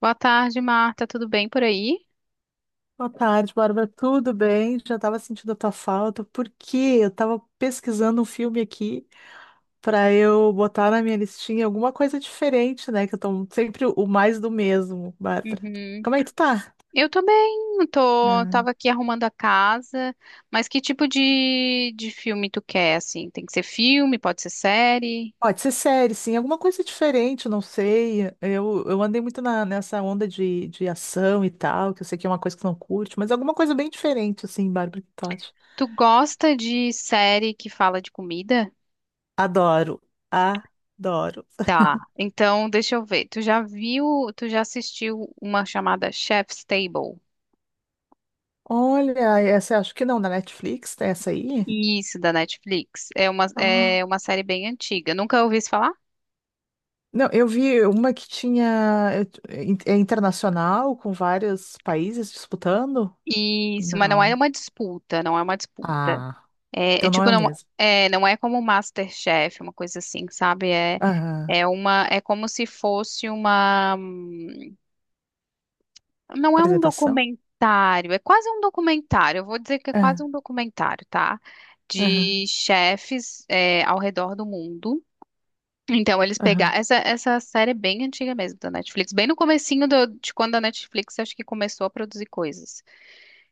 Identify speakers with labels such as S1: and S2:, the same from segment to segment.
S1: Boa tarde, Marta. Tudo bem por aí?
S2: Boa tarde, Bárbara. Tudo bem? Já estava sentindo a tua falta, porque eu estava pesquisando um filme aqui para eu botar na minha listinha alguma coisa diferente, né? Que eu tô sempre o mais do mesmo, Bárbara.
S1: Uhum.
S2: Como é que tu tá?
S1: Eu tô bem. Tô,
S2: Ah,
S1: tava aqui arrumando a casa. Mas que tipo de filme tu quer, assim? Tem que ser filme, pode ser série.
S2: pode ser série, sim, alguma coisa diferente, não sei. Eu andei muito nessa onda de ação e tal, que eu sei que é uma coisa que tu não curte, mas alguma coisa bem diferente, assim, Bárbara, o que tu acha?
S1: Tu gosta de série que fala de comida?
S2: Adoro, adoro.
S1: Tá. Então, deixa eu ver. Tu já assistiu uma chamada Chef's Table?
S2: Olha, essa eu acho que não, na Netflix, tem essa aí?
S1: Isso, da Netflix.
S2: Ah.
S1: É uma série bem antiga. Nunca ouvi isso falar?
S2: Não, eu vi uma que tinha. É internacional, com vários países disputando?
S1: Isso, mas
S2: Não.
S1: não é uma disputa.
S2: Ah,
S1: É, é
S2: então não é
S1: tipo,
S2: o
S1: não
S2: mesmo.
S1: não é como MasterChef, uma coisa assim, sabe?
S2: Ah,
S1: É como se fosse uma, não é um
S2: apresentação?
S1: documentário, é quase um documentário. Eu vou dizer que é quase
S2: Ah,
S1: um documentário, tá?
S2: aham,
S1: De chefes, é, ao redor do mundo. Então
S2: aham.
S1: essa série é bem antiga mesmo da Netflix, bem no comecinho de quando a Netflix acho que começou a produzir coisas.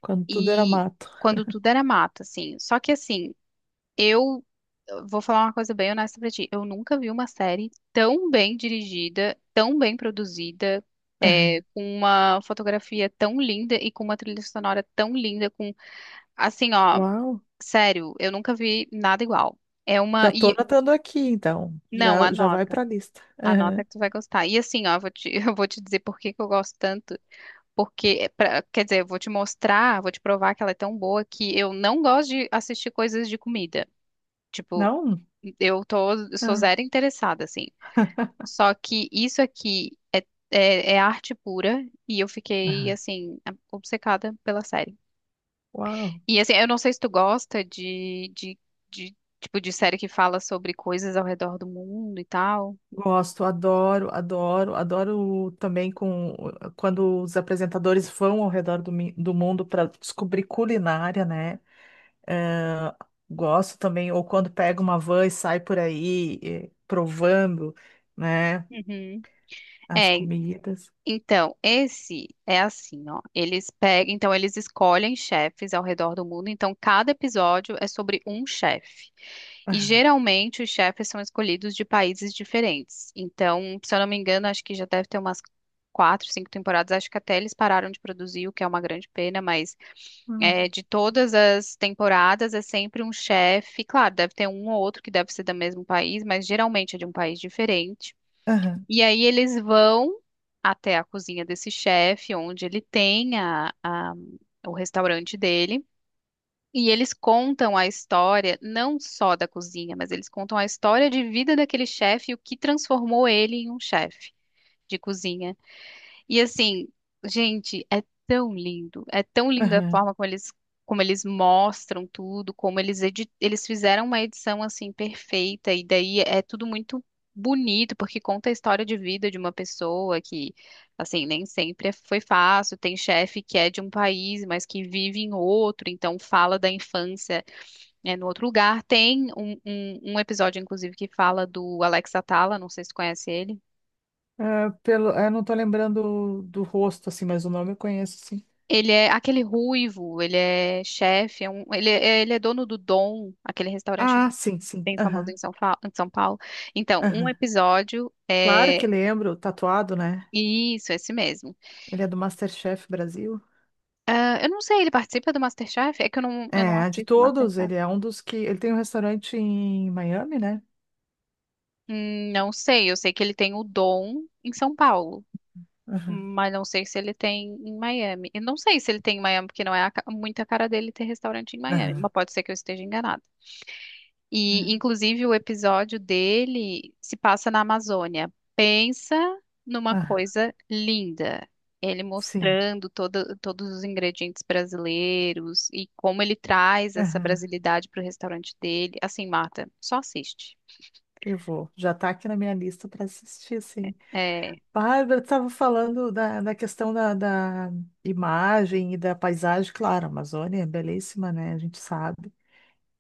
S2: Quando tudo era
S1: E
S2: mato.
S1: quando tudo era mato, assim. Só que assim Eu vou falar uma coisa bem honesta pra ti. Eu nunca vi uma série tão bem dirigida, tão bem produzida,
S2: Aham.
S1: com uma fotografia tão linda e com uma trilha sonora tão linda, com assim, ó,
S2: Uau!
S1: sério, eu nunca vi nada igual. É uma
S2: Já tô
S1: e
S2: anotando aqui, então.
S1: Não,
S2: Já, já vai
S1: anota,
S2: pra lista.
S1: anota
S2: Aham.
S1: que tu vai gostar. E assim, ó, eu vou te, eu vou te dizer por que que eu gosto tanto. Porque, quer dizer, eu vou te mostrar, vou te provar que ela é tão boa que eu não gosto de assistir coisas de comida. Tipo,
S2: Não?
S1: eu sou
S2: Ah,
S1: zero interessada, assim. Só que isso aqui é arte pura e eu fiquei,
S2: aham.
S1: assim, obcecada pela série.
S2: Uau!
S1: E, assim, eu não sei se tu gosta de série que fala sobre coisas ao redor do mundo e tal.
S2: Gosto, adoro, adoro, adoro também com quando os apresentadores vão ao redor do, do mundo para descobrir culinária, né? Eh, gosto também, ou quando pega uma van e sai por aí provando, né,
S1: Uhum.
S2: as
S1: É,
S2: comidas.
S1: então, esse é assim, ó. Eles pegam, então eles escolhem chefes ao redor do mundo. Então, cada episódio é sobre um chefe. E geralmente os chefes são escolhidos de países diferentes. Então, se eu não me engano, acho que já deve ter umas quatro, cinco temporadas. Acho que até eles pararam de produzir, o que é uma grande pena, mas
S2: Ah,
S1: é, de todas as temporadas é sempre um chefe. Claro, deve ter um ou outro que deve ser do mesmo país, mas geralmente é de um país diferente.
S2: aham,
S1: E aí eles vão até a cozinha desse chefe, onde ele tem o restaurante dele. E eles contam a história, não só da cozinha, mas eles contam a história de vida daquele chefe e o que transformou ele em um chefe de cozinha. E assim, gente, é tão lindo. É tão linda a
S2: aham.
S1: forma como eles mostram tudo, como eles fizeram uma edição assim perfeita, e daí é tudo muito bonito, porque conta a história de vida de uma pessoa que, assim, nem sempre é- foi fácil. Tem chefe que é de um país, mas que vive em outro, então fala da infância, né, no outro lugar. Tem um episódio, inclusive, que fala do Alex Atala, não sei se tu conhece ele.
S2: Ah, pelo, eu não tô lembrando do rosto, assim, mas o nome eu conheço, sim.
S1: Ele é aquele ruivo, ele é chefe, ele é dono do Dom, aquele restaurante
S2: Ah, sim, sim,
S1: bem famoso em
S2: aham,
S1: Em São Paulo. Então,
S2: aham. Claro que lembro, tatuado, né?
S1: esse mesmo.
S2: Ele é do MasterChef Brasil.
S1: Ah, eu não sei, ele participa do MasterChef? É que eu não
S2: É, de
S1: assisto
S2: todos,
S1: MasterChef.
S2: ele é um dos que. Ele tem um restaurante em Miami, né?
S1: Não sei, eu sei que ele tem o Dom em São Paulo,
S2: Aham,
S1: mas não sei se ele tem em Miami. Eu não sei se ele tem em Miami, porque não é muito a cara dele ter restaurante em Miami,
S2: aham,
S1: mas pode ser que eu esteja enganada. E,
S2: é,
S1: inclusive, o episódio dele se passa na Amazônia. Pensa numa
S2: ah,
S1: coisa linda. Ele
S2: sim.
S1: mostrando todos os ingredientes brasileiros e como ele traz essa
S2: Aham,
S1: brasilidade para o restaurante dele. Assim, Marta, só assiste.
S2: eu vou. Já tá aqui na minha lista para assistir, sim.
S1: É,
S2: Bárbara, tu tava falando da, da questão da imagem e da paisagem, claro, a Amazônia é belíssima, né? A gente sabe.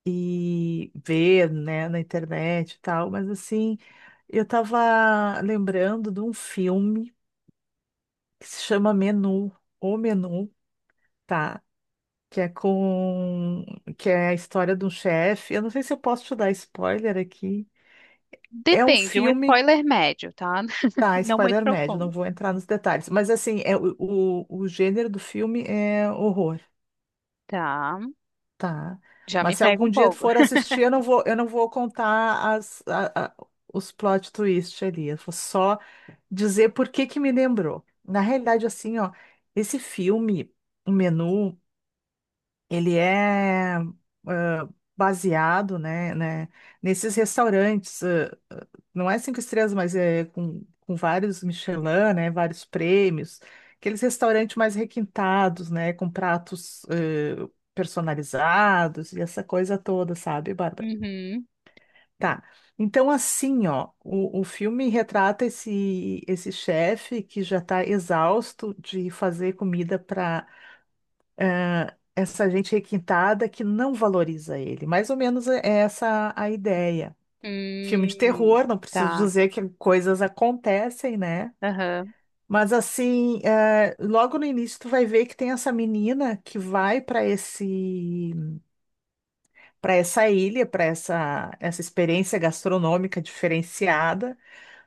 S2: E ver, né, na internet e tal, mas assim, eu tava lembrando de um filme que se chama Menu, O Menu. Tá? Que é com, que é a história de um chefe. Eu não sei se eu posso te dar spoiler aqui. É um
S1: depende, um
S2: filme,
S1: spoiler médio, tá?
S2: tá,
S1: Não muito
S2: spoiler médio, não
S1: profundo.
S2: vou entrar nos detalhes, mas assim, é o gênero do filme é horror,
S1: Tá.
S2: tá?
S1: Já me
S2: Mas se
S1: pega
S2: algum
S1: um
S2: dia tu
S1: pouco.
S2: for assistir, eu não vou contar as, os plot twist ali. Eu vou só dizer por que que me lembrou. Na realidade, assim, ó, esse filme, o menu, ele é ah, baseado, né, né, nesses restaurantes, não é cinco estrelas, mas é com vários Michelin, né, vários prêmios, aqueles restaurantes mais requintados, né, com pratos personalizados e essa coisa toda, sabe, Bárbara?
S1: Uhum.
S2: Tá. Então, assim, ó, o filme retrata esse, esse chefe que já está exausto de fazer comida para essa gente requintada que não valoriza ele. Mais ou menos é essa a ideia. Filme de
S1: Hum,
S2: terror, não preciso
S1: tá.
S2: dizer que coisas acontecem, né?
S1: Aham.
S2: Mas assim, logo no início tu vai ver que tem essa menina que vai para esse, para essa ilha, para essa, essa experiência gastronômica diferenciada.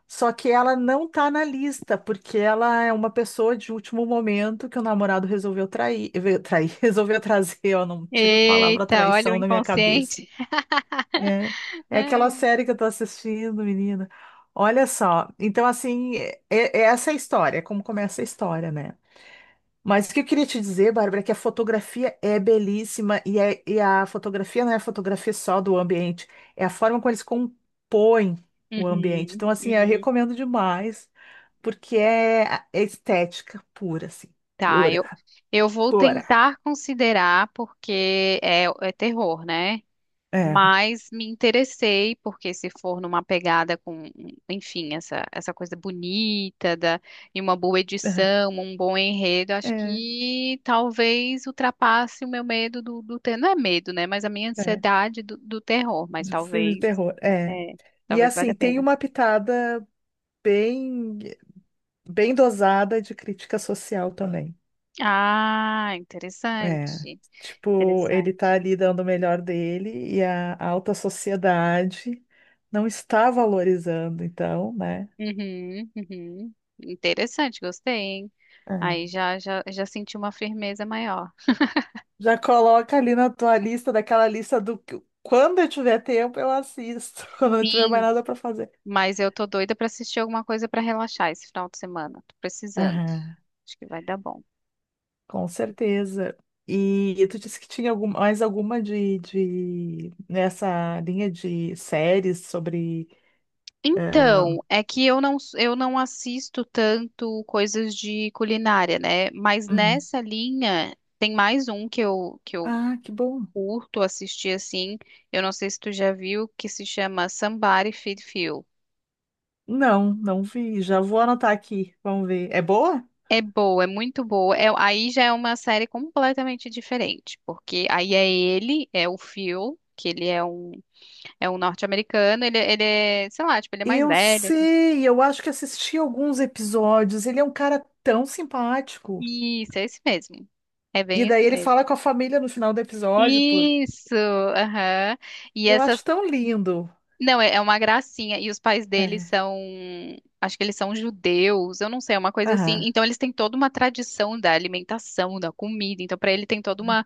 S2: Só que ela não tá na lista, porque ela é uma pessoa de último momento que o namorado resolveu trair, trair, resolveu trazer, ó, não tiro a palavra
S1: Eita, olha o
S2: traição da minha cabeça.
S1: inconsciente.
S2: É, é aquela série que eu tô assistindo, menina. Olha só, então assim, é, é essa a história, é como começa a história, né? Mas o que eu queria te dizer, Bárbara, é que a fotografia é belíssima e, e a fotografia não é a fotografia só do ambiente, é a forma como eles compõem o ambiente.
S1: Uhum,
S2: Então, assim, eu
S1: uhum.
S2: recomendo demais porque é, é estética pura, assim,
S1: Tá,
S2: pura,
S1: eu vou
S2: pura.
S1: tentar considerar porque é, é terror, né?
S2: É,
S1: Mas me interessei porque se for numa pegada com, enfim, essa coisa bonita da, e uma boa
S2: é,
S1: edição, um bom enredo, acho
S2: é,
S1: que talvez ultrapasse o meu medo do, do ter, não é medo, né? Mas a minha
S2: é.
S1: ansiedade do, do terror, mas
S2: De filme de
S1: talvez,
S2: terror, é.
S1: é,
S2: E
S1: talvez valha
S2: assim,
S1: a
S2: tem
S1: pena.
S2: uma pitada bem, bem dosada de crítica social também.
S1: Ah,
S2: É.
S1: interessante,
S2: Tipo, ele
S1: interessante.
S2: tá ali dando o melhor dele e a alta sociedade não está valorizando, então, né?
S1: Uhum, uhum. Interessante, gostei, hein?
S2: É.
S1: Aí já, já, já senti uma firmeza maior.
S2: Já coloca ali na tua lista, daquela lista do que quando eu tiver tempo eu assisto, quando eu não tiver mais
S1: Sim,
S2: nada para fazer.
S1: mas eu tô doida pra assistir alguma coisa pra relaxar esse final de semana. Tô precisando.
S2: Aham,
S1: Acho que vai dar bom.
S2: com certeza. E tu disse que tinha mais alguma de nessa linha de séries sobre.
S1: Então, é que eu não assisto tanto coisas de culinária, né? Mas
S2: Uhum.
S1: nessa linha tem mais um que eu
S2: Ah, que bom.
S1: curto assistir assim. Eu não sei se tu já viu, que se chama Somebody Feed Phil.
S2: Não, não vi. Já vou anotar aqui. Vamos ver. É boa?
S1: É boa, é muito boa. É- aí já é uma série completamente diferente, porque aí é ele, é o Phil, que é um norte-americano, sei lá, tipo, ele é mais
S2: Eu
S1: velho. Assim.
S2: sei, eu acho que assisti alguns episódios. Ele é um cara tão simpático.
S1: Isso, é esse mesmo. É
S2: E
S1: bem
S2: daí
S1: esse
S2: ele
S1: mesmo.
S2: fala com a família no final do episódio, por...
S1: Isso, aham. E
S2: Eu acho
S1: essas.
S2: tão lindo.
S1: Não, é, é uma gracinha. E os pais dele
S2: É.
S1: são. Acho que eles são judeus, eu não sei, é uma coisa assim.
S2: Aham.
S1: Então eles têm toda uma tradição da alimentação, da comida. Então, para ele tem toda uma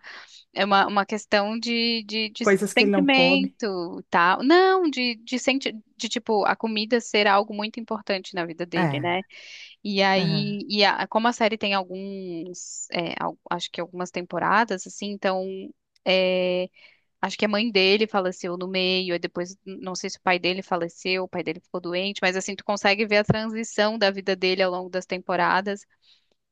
S1: é uma questão de
S2: Coisas que ele não come.
S1: sentimento, tal. Não, tipo, a comida ser algo muito importante na vida dele,
S2: É.
S1: né? E
S2: Aham.
S1: aí, como a série tem alguns, acho que algumas temporadas, assim, então, é, acho que a mãe dele faleceu no meio, aí depois, não sei se o pai dele faleceu, o pai dele ficou doente, mas assim, tu consegue ver a transição da vida dele ao longo das temporadas,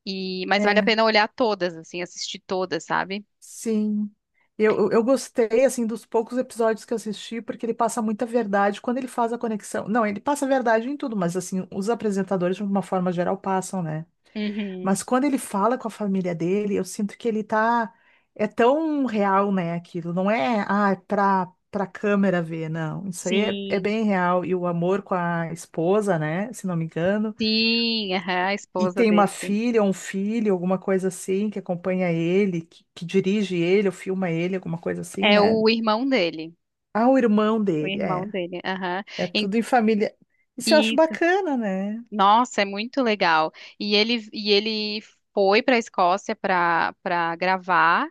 S1: e, mas vale a
S2: É.
S1: pena olhar todas, assim, assistir todas, sabe?
S2: Sim. Eu gostei, assim, dos poucos episódios que eu assisti, porque ele passa muita verdade quando ele faz a conexão. Não, ele passa verdade em tudo, mas, assim, os apresentadores, de uma forma geral, passam, né?
S1: Uhum.
S2: Mas quando ele fala com a família dele, eu sinto que ele tá... É tão real, né, aquilo. Não é, ah, é pra câmera ver, não. Isso aí é, é
S1: Sim,
S2: bem real. E o amor com a esposa, né, se não me engano,
S1: sim, aham, a
S2: e
S1: esposa
S2: tem uma
S1: dele, sim.
S2: filha, um filho, alguma coisa assim, que acompanha ele, que dirige ele, ou filma ele, alguma coisa assim,
S1: É
S2: né? Ah, o irmão
S1: o
S2: dele,
S1: irmão
S2: é.
S1: dele, aham.
S2: É
S1: E-
S2: tudo em família. Isso eu acho
S1: Isso,
S2: bacana, né?
S1: nossa, é muito legal. E ele foi para a Escócia para gravar,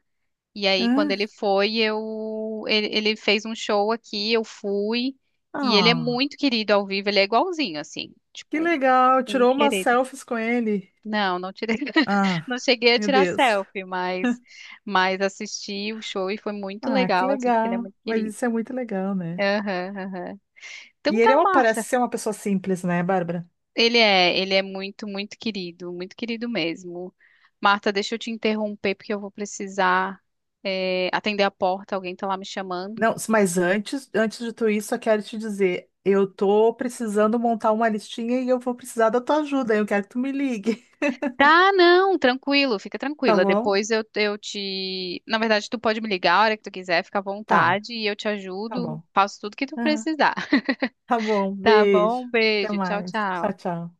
S1: e aí quando
S2: Ah,
S1: ele foi, ele fez um show aqui, eu fui, e ele é
S2: ah,
S1: muito querido ao vivo, ele é igualzinho, assim, tipo,
S2: que legal.
S1: um
S2: Tirou umas
S1: querido.
S2: selfies com ele.
S1: Não, não tirei,
S2: Ah,
S1: não cheguei a
S2: meu
S1: tirar
S2: Deus.
S1: selfie, mas assisti o show e foi muito
S2: Ah, que
S1: legal, assim, porque ele é
S2: legal.
S1: muito
S2: Mas
S1: querido.
S2: isso é muito legal, né?
S1: Aham, aham. Então
S2: E
S1: tá,
S2: ele é parece
S1: Marta.
S2: ser uma pessoa simples, né, Bárbara?
S1: Ele é muito, muito querido mesmo. Marta, deixa eu te interromper porque eu vou precisar, atender a porta, alguém tá lá me chamando.
S2: Não, mas antes, antes de tudo isso, eu quero te dizer, eu tô precisando montar uma listinha e eu vou precisar da tua ajuda. Eu quero que tu me ligue,
S1: Tá, não, tranquilo, fica
S2: tá
S1: tranquila.
S2: bom?
S1: Depois eu te. Na verdade, tu pode me ligar a hora que tu quiser, fica à
S2: Tá,
S1: vontade e eu te
S2: tá
S1: ajudo,
S2: bom.
S1: faço tudo que tu
S2: Aham.
S1: precisar.
S2: Tá bom,
S1: Tá bom,
S2: beijo.
S1: um
S2: Até
S1: beijo. Tchau,
S2: mais. Tchau,
S1: tchau.
S2: tchau.